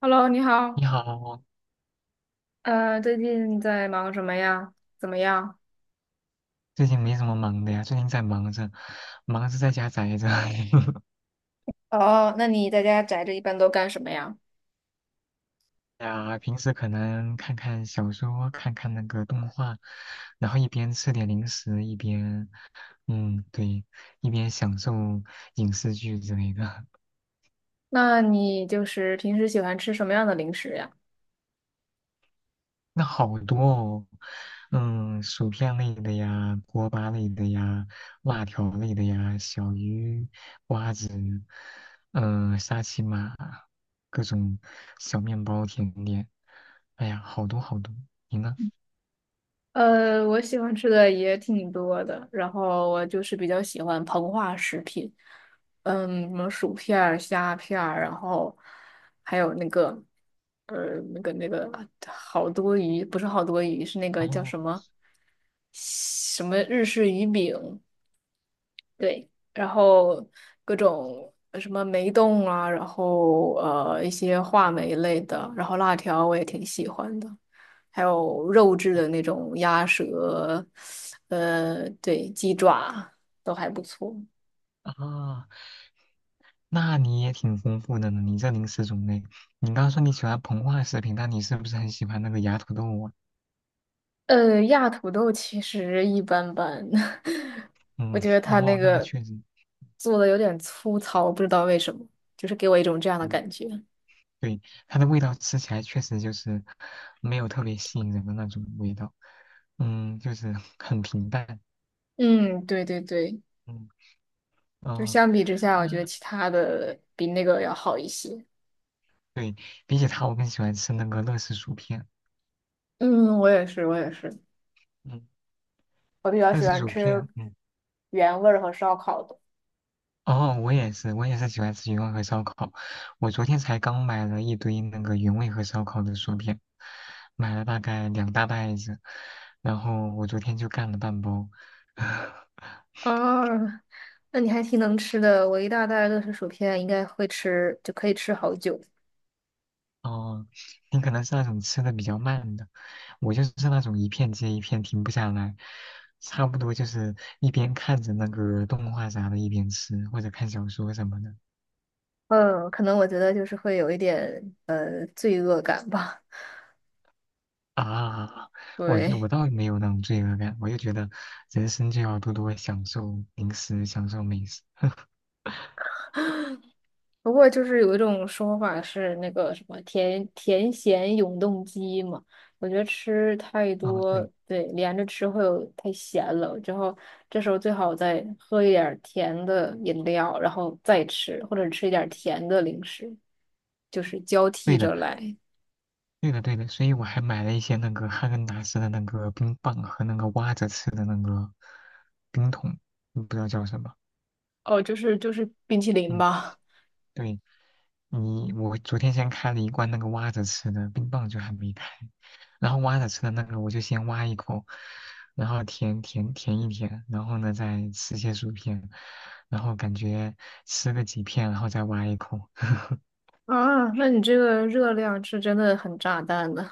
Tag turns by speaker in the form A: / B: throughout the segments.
A: Hello，你
B: 你
A: 好。
B: 好。
A: 最近在忙什么呀？怎么样？
B: 最近没什么忙的呀，最近在忙着，在家宅着。
A: 哦，那你在家宅着一般都干什么呀？
B: 呀，平时可能看看小说，看看那个动画，然后一边吃点零食，一边，嗯，对，一边享受影视剧之类的。
A: 那你就是平时喜欢吃什么样的零食呀？
B: 那好多哦，嗯，薯片类的呀，锅巴类的呀，辣条类的呀，小鱼、瓜子，嗯、沙琪玛，各种小面包、甜点，哎呀，好多好多。你呢？
A: 我喜欢吃的也挺多的，然后我就是比较喜欢膨化食品。嗯，什么薯片儿、虾片儿，然后还有那个，呃，那个那个好多鱼，不是好多鱼，是那个叫
B: 哦
A: 什么，什么日式鱼饼。对，然后各种什么梅冻啊，然后一些话梅类的，然后辣条我也挺喜欢的，还有肉质的那种鸭舌，对，鸡爪都还不错。
B: 啊，那你也挺丰富的呢，你这零食种类。你刚刚说你喜欢膨化食品，那你是不是很喜欢那个芽土豆啊？
A: 亚土豆其实一般般，我
B: 嗯，
A: 觉得它那
B: 哦，那个
A: 个
B: 确实。
A: 做的有点粗糙，不知道为什么，就是给我一种这样的感觉。
B: 对，它的味道吃起来确实就是没有特别吸引人的那种味道，嗯，就是 很平淡，
A: 嗯，对对对。
B: 嗯，
A: 就
B: 哦，
A: 相比之下，我觉得
B: 那
A: 其他的比那个要好一些。
B: 对，比起它，我更喜欢吃那个乐事薯片，
A: 嗯，我也是，我也是。
B: 嗯，
A: 我比较
B: 乐
A: 喜
B: 事
A: 欢
B: 薯
A: 吃
B: 片，嗯，
A: 原味儿和烧烤的。
B: 哦，我也是，我也是喜欢吃原味和烧烤，我昨天才刚买了一堆那个原味和烧烤的薯片，买了大概两大袋子，然后我昨天就干了半包。
A: 啊，那你还挺能吃的，我一大袋乐事薯片应该会吃，就可以吃好久。
B: 哦，你可能是那种吃的比较慢的，我就是那种一片接一片停不下来，差不多就是一边看着那个动画啥的，一边吃或者看小说什么的。
A: 嗯，可能我觉得就是会有一点罪恶感吧。
B: 啊，我就我
A: 对。
B: 倒没有那种罪恶感，我就觉得人生就要多多享受零食，享受美食。
A: 不过就是有一种说法是那个什么甜甜咸永动机嘛，我觉得吃太
B: 哦，
A: 多，
B: 对，
A: 对，连着吃会有太咸了，之后这时候最好再喝一点儿甜的饮料，然后再吃，或者吃一点儿甜的零食，就是交替
B: 对的，
A: 着来。
B: 对的，对的，所以我还买了一些那个哈根达斯的那个冰棒和那个挖着吃的那个冰桶，不知道叫什么。
A: 哦，就是冰淇淋
B: 嗯，
A: 吧。
B: 对。你我昨天先开了一罐那个挖着吃的，冰棒就还没开。然后挖着吃的那个，我就先挖一口，然后舔一舔，然后呢再吃些薯片，然后感觉吃个几片，然后再挖一口。
A: 啊，那你这个热量是真的很炸弹呢。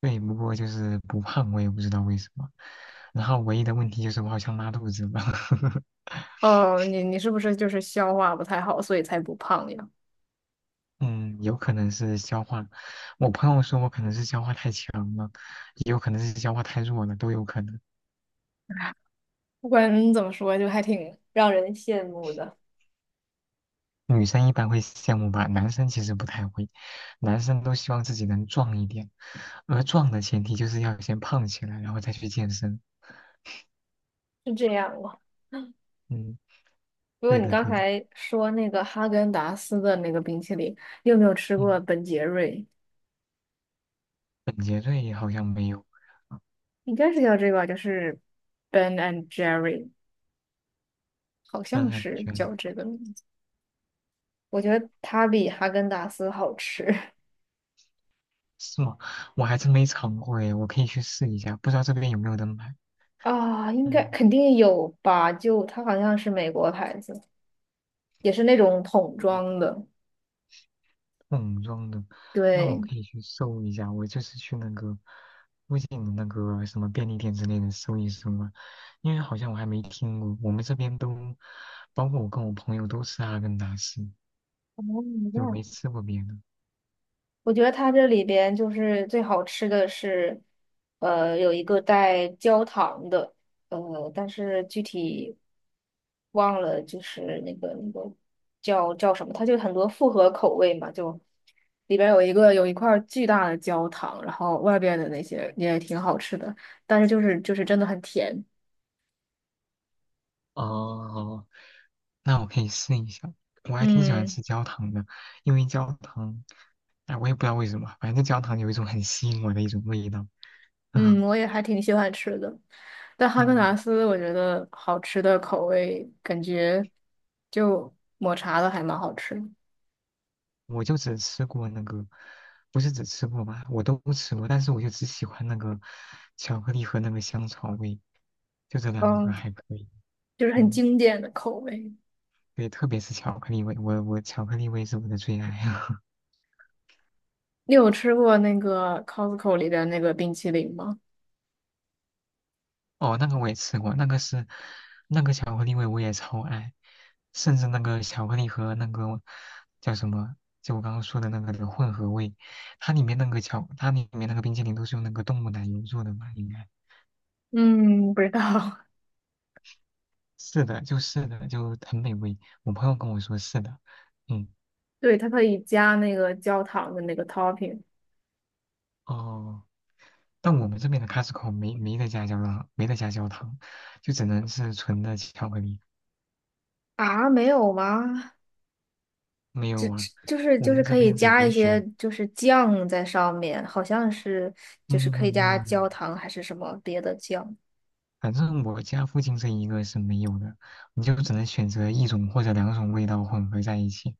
B: 对，不过就是不胖，我也不知道为什么。然后唯一的问题就是我好像拉肚子了。
A: 哦，你是不是就是消化不太好，所以才不胖呀？
B: 嗯，有可能是消化。我朋友说我可能是消化太强了，也有可能是消化太弱了，都有可能。
A: 不管怎么说，就还挺让人羡慕的。
B: 女生一般会羡慕吧，男生其实不太会，男生都希望自己能壮一点，而壮的前提就是要先胖起来，然后再去健身。
A: 是这样吗？
B: 嗯，
A: 不过
B: 对
A: 你
B: 的，
A: 刚
B: 对的。
A: 才说那个哈根达斯的那个冰淇淋，你有没有吃
B: 嗯，
A: 过本杰瑞？
B: 本杰瑞也好像没有，啊
A: 应该是叫这个吧，就是 Ben and Jerry，好
B: 但
A: 像
B: 还
A: 是
B: 觉得
A: 叫这个名字。我觉得它比哈根达斯好吃。
B: 是吗？我还真没尝过诶，我可以去试一下，不知道这边有没有人买。
A: 啊，应该
B: 嗯
A: 肯定有吧？就它好像是美国牌子，也是那种桶装的。
B: 桶装的，那我
A: 对。
B: 可以去搜一下，我就是去那个附近的那个什么便利店之类的搜一搜嘛，因为好像我还没听过，我们这边都，包括我跟我朋友都吃阿根达斯，就
A: 哦，
B: 没吃过别的。
A: 我觉得它这里边就是最好吃的是，有一个带焦糖的，但是具体忘了，就是那个叫什么，它就很多复合口味嘛，就里边有一个有一块儿巨大的焦糖，然后外边的那些也挺好吃的，但是就是真的很甜。
B: 哦，那我可以试一下，我还挺喜欢
A: 嗯。
B: 吃焦糖的，因为焦糖，哎，我也不知道为什么，反正焦糖有一种很吸引我的一种味道。
A: 嗯，我也还挺喜欢吃的，但哈根
B: 嗯
A: 达斯我觉得好吃的口味感觉就抹茶的还蛮好吃的。
B: 我就只吃过那个，不是只吃过吧，我都吃过，但是我就只喜欢那个巧克力和那个香草味，就这两个
A: 嗯，
B: 还可以。
A: 就是很
B: 嗯，
A: 经典的口味。
B: 对，特别是巧克力味，我巧克力味是我的最爱。
A: 你有吃过那个 Costco 里的那个冰淇淋吗？
B: 哦，那个我也吃过，那个是那个巧克力味我也超爱，甚至那个巧克力和那个叫什么，就我刚刚说的那个的混合味，它里面那个巧，它里面那个冰淇淋都是用那个动物奶油做的吧，应该。
A: 嗯，不知道。
B: 是的，就是的，就很美味。我朋友跟我说是的，嗯，
A: 对，它可以加那个焦糖的那个 topping。
B: 哦，但我们这边的 Costco 没得加焦糖，没得加焦糖，就只能是纯的巧克力。
A: 啊，没有吗？
B: 没
A: 只
B: 有啊，
A: 只就是
B: 我
A: 就是
B: 们这
A: 可以
B: 边只
A: 加一
B: 能
A: 些
B: 选，
A: 就是酱在上面，好像是就是
B: 嗯
A: 可以
B: 嗯
A: 加焦
B: 嗯，
A: 糖还是什么别的酱。
B: 反正我家附近这一个是没有的，你就只能选择一种或者两种味道混合在一起，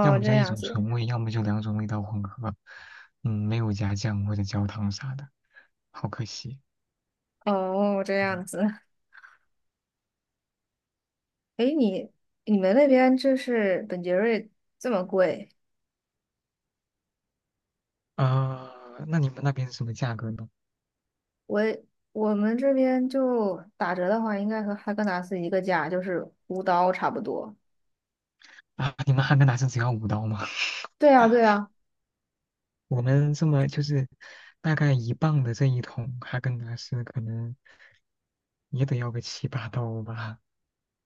B: 要么
A: 这
B: 就一
A: 样
B: 种
A: 子。
B: 纯味，要么就两种味道混合，嗯，没有加酱或者焦糖啥的，好可惜。
A: 哦，这
B: 嗯
A: 样子。诶，你们那边就是本杰瑞这么贵？
B: 啊、那你们那边是什么价格呢？
A: 我我们这边就打折的话，应该和哈根达斯一个价，就是五刀差不多。
B: 啊，你们哈根达斯只要五刀吗？
A: 对啊，对啊。
B: 我们这么就是大概一磅的这一桶哈根达斯，可能也得要个七八刀吧，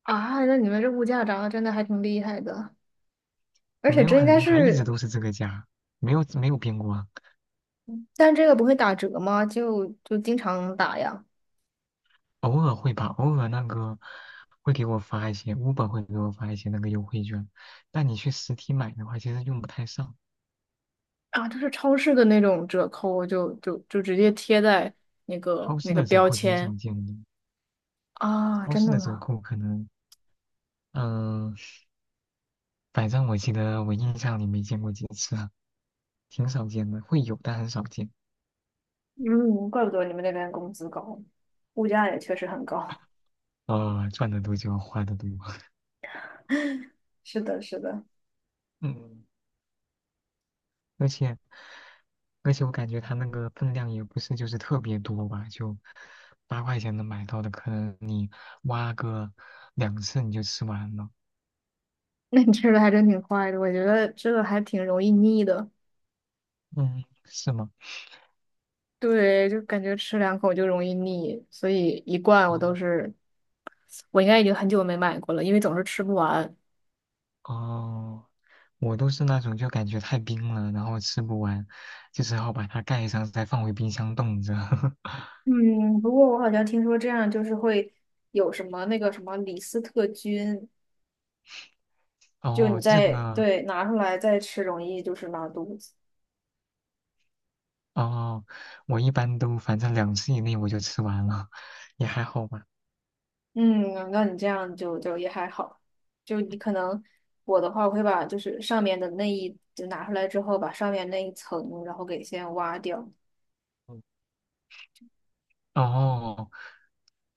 A: 啊，那你们这物价涨得真的还挺厉害的，而
B: 没
A: 且
B: 有
A: 这应
B: 很
A: 该
B: 厉害，一直
A: 是，
B: 都是这个价，没有没有变过啊，
A: 但这个不会打折吗？就就经常打呀。
B: 偶尔会吧，偶尔那个会给我发一些五 b 会给我发一些那个优惠券，但你去实体买的话，其实用不太上，
A: 啊，就是超市的那种折扣，就直接贴在那个
B: 超
A: 那
B: 市
A: 个
B: 的折
A: 标
B: 扣挺
A: 签。
B: 少见的，
A: 啊，
B: 超
A: 真
B: 市
A: 的
B: 的折
A: 吗？
B: 扣可能，嗯、反正我记得我印象里没见过几次啊，挺少见的，会有但很少见。
A: 嗯，怪不得你们那边工资高，物价也确实很高。
B: 呃，赚的多就花的多。
A: 是的，是的。
B: 嗯，而且而且我感觉它那个分量也不是就是特别多吧，就八块钱能买到的，可能你挖个两次你就吃完了。
A: 那你吃的还真挺快的，我觉得这个还挺容易腻的。
B: 嗯，是吗？
A: 对，就感觉吃两口就容易腻，所以一罐我
B: 哦
A: 都是，我应该已经很久没买过了，因为总是吃不完。
B: 哦，我都是那种就感觉太冰了，然后吃不完，就只好把它盖上，再放回冰箱冻着。
A: 嗯，不过我好像听说这样就是会有什么那个什么李斯特菌，就
B: 哦，
A: 你
B: 这
A: 再
B: 个
A: 对拿出来再吃，容易就是拉肚子。
B: 哦，我一般都反正两次以内我就吃完了，也还好吧。
A: 嗯，那你这样就也还好，就你可能我的话，我会把就是上面的那一就拿出来之后，把上面那一层，然后给先挖掉，
B: 嗯哦，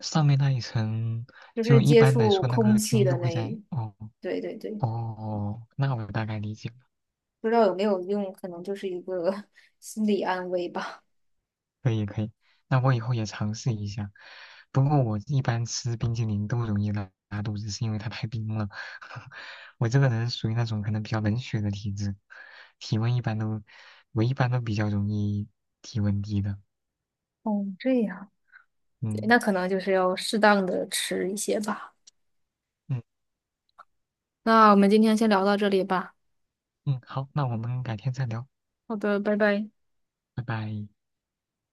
B: 上面那一层
A: 就
B: 就
A: 是
B: 一
A: 接
B: 般来
A: 触
B: 说那
A: 空
B: 个
A: 气
B: 菌都
A: 的
B: 会
A: 那
B: 在。
A: 一，
B: 哦
A: 对对对，
B: 哦，那我大概理解了，
A: 不知道有没有用，可能就是一个 心理安慰吧。
B: 可以可以。那我以后也尝试一下。不过我一般吃冰激凌都容易拉肚子，是因为它太冰了。我这个人属于那种可能比较冷血的体质，体温一般都，我一般都比较容易体温低的。
A: 哦，这样。对，
B: 嗯
A: 那可能就是要适当的吃一些吧。
B: 嗯。
A: 那我们今天先聊到这里吧。
B: 嗯，好，那我们改天再聊，
A: 好的，拜拜。
B: 拜拜。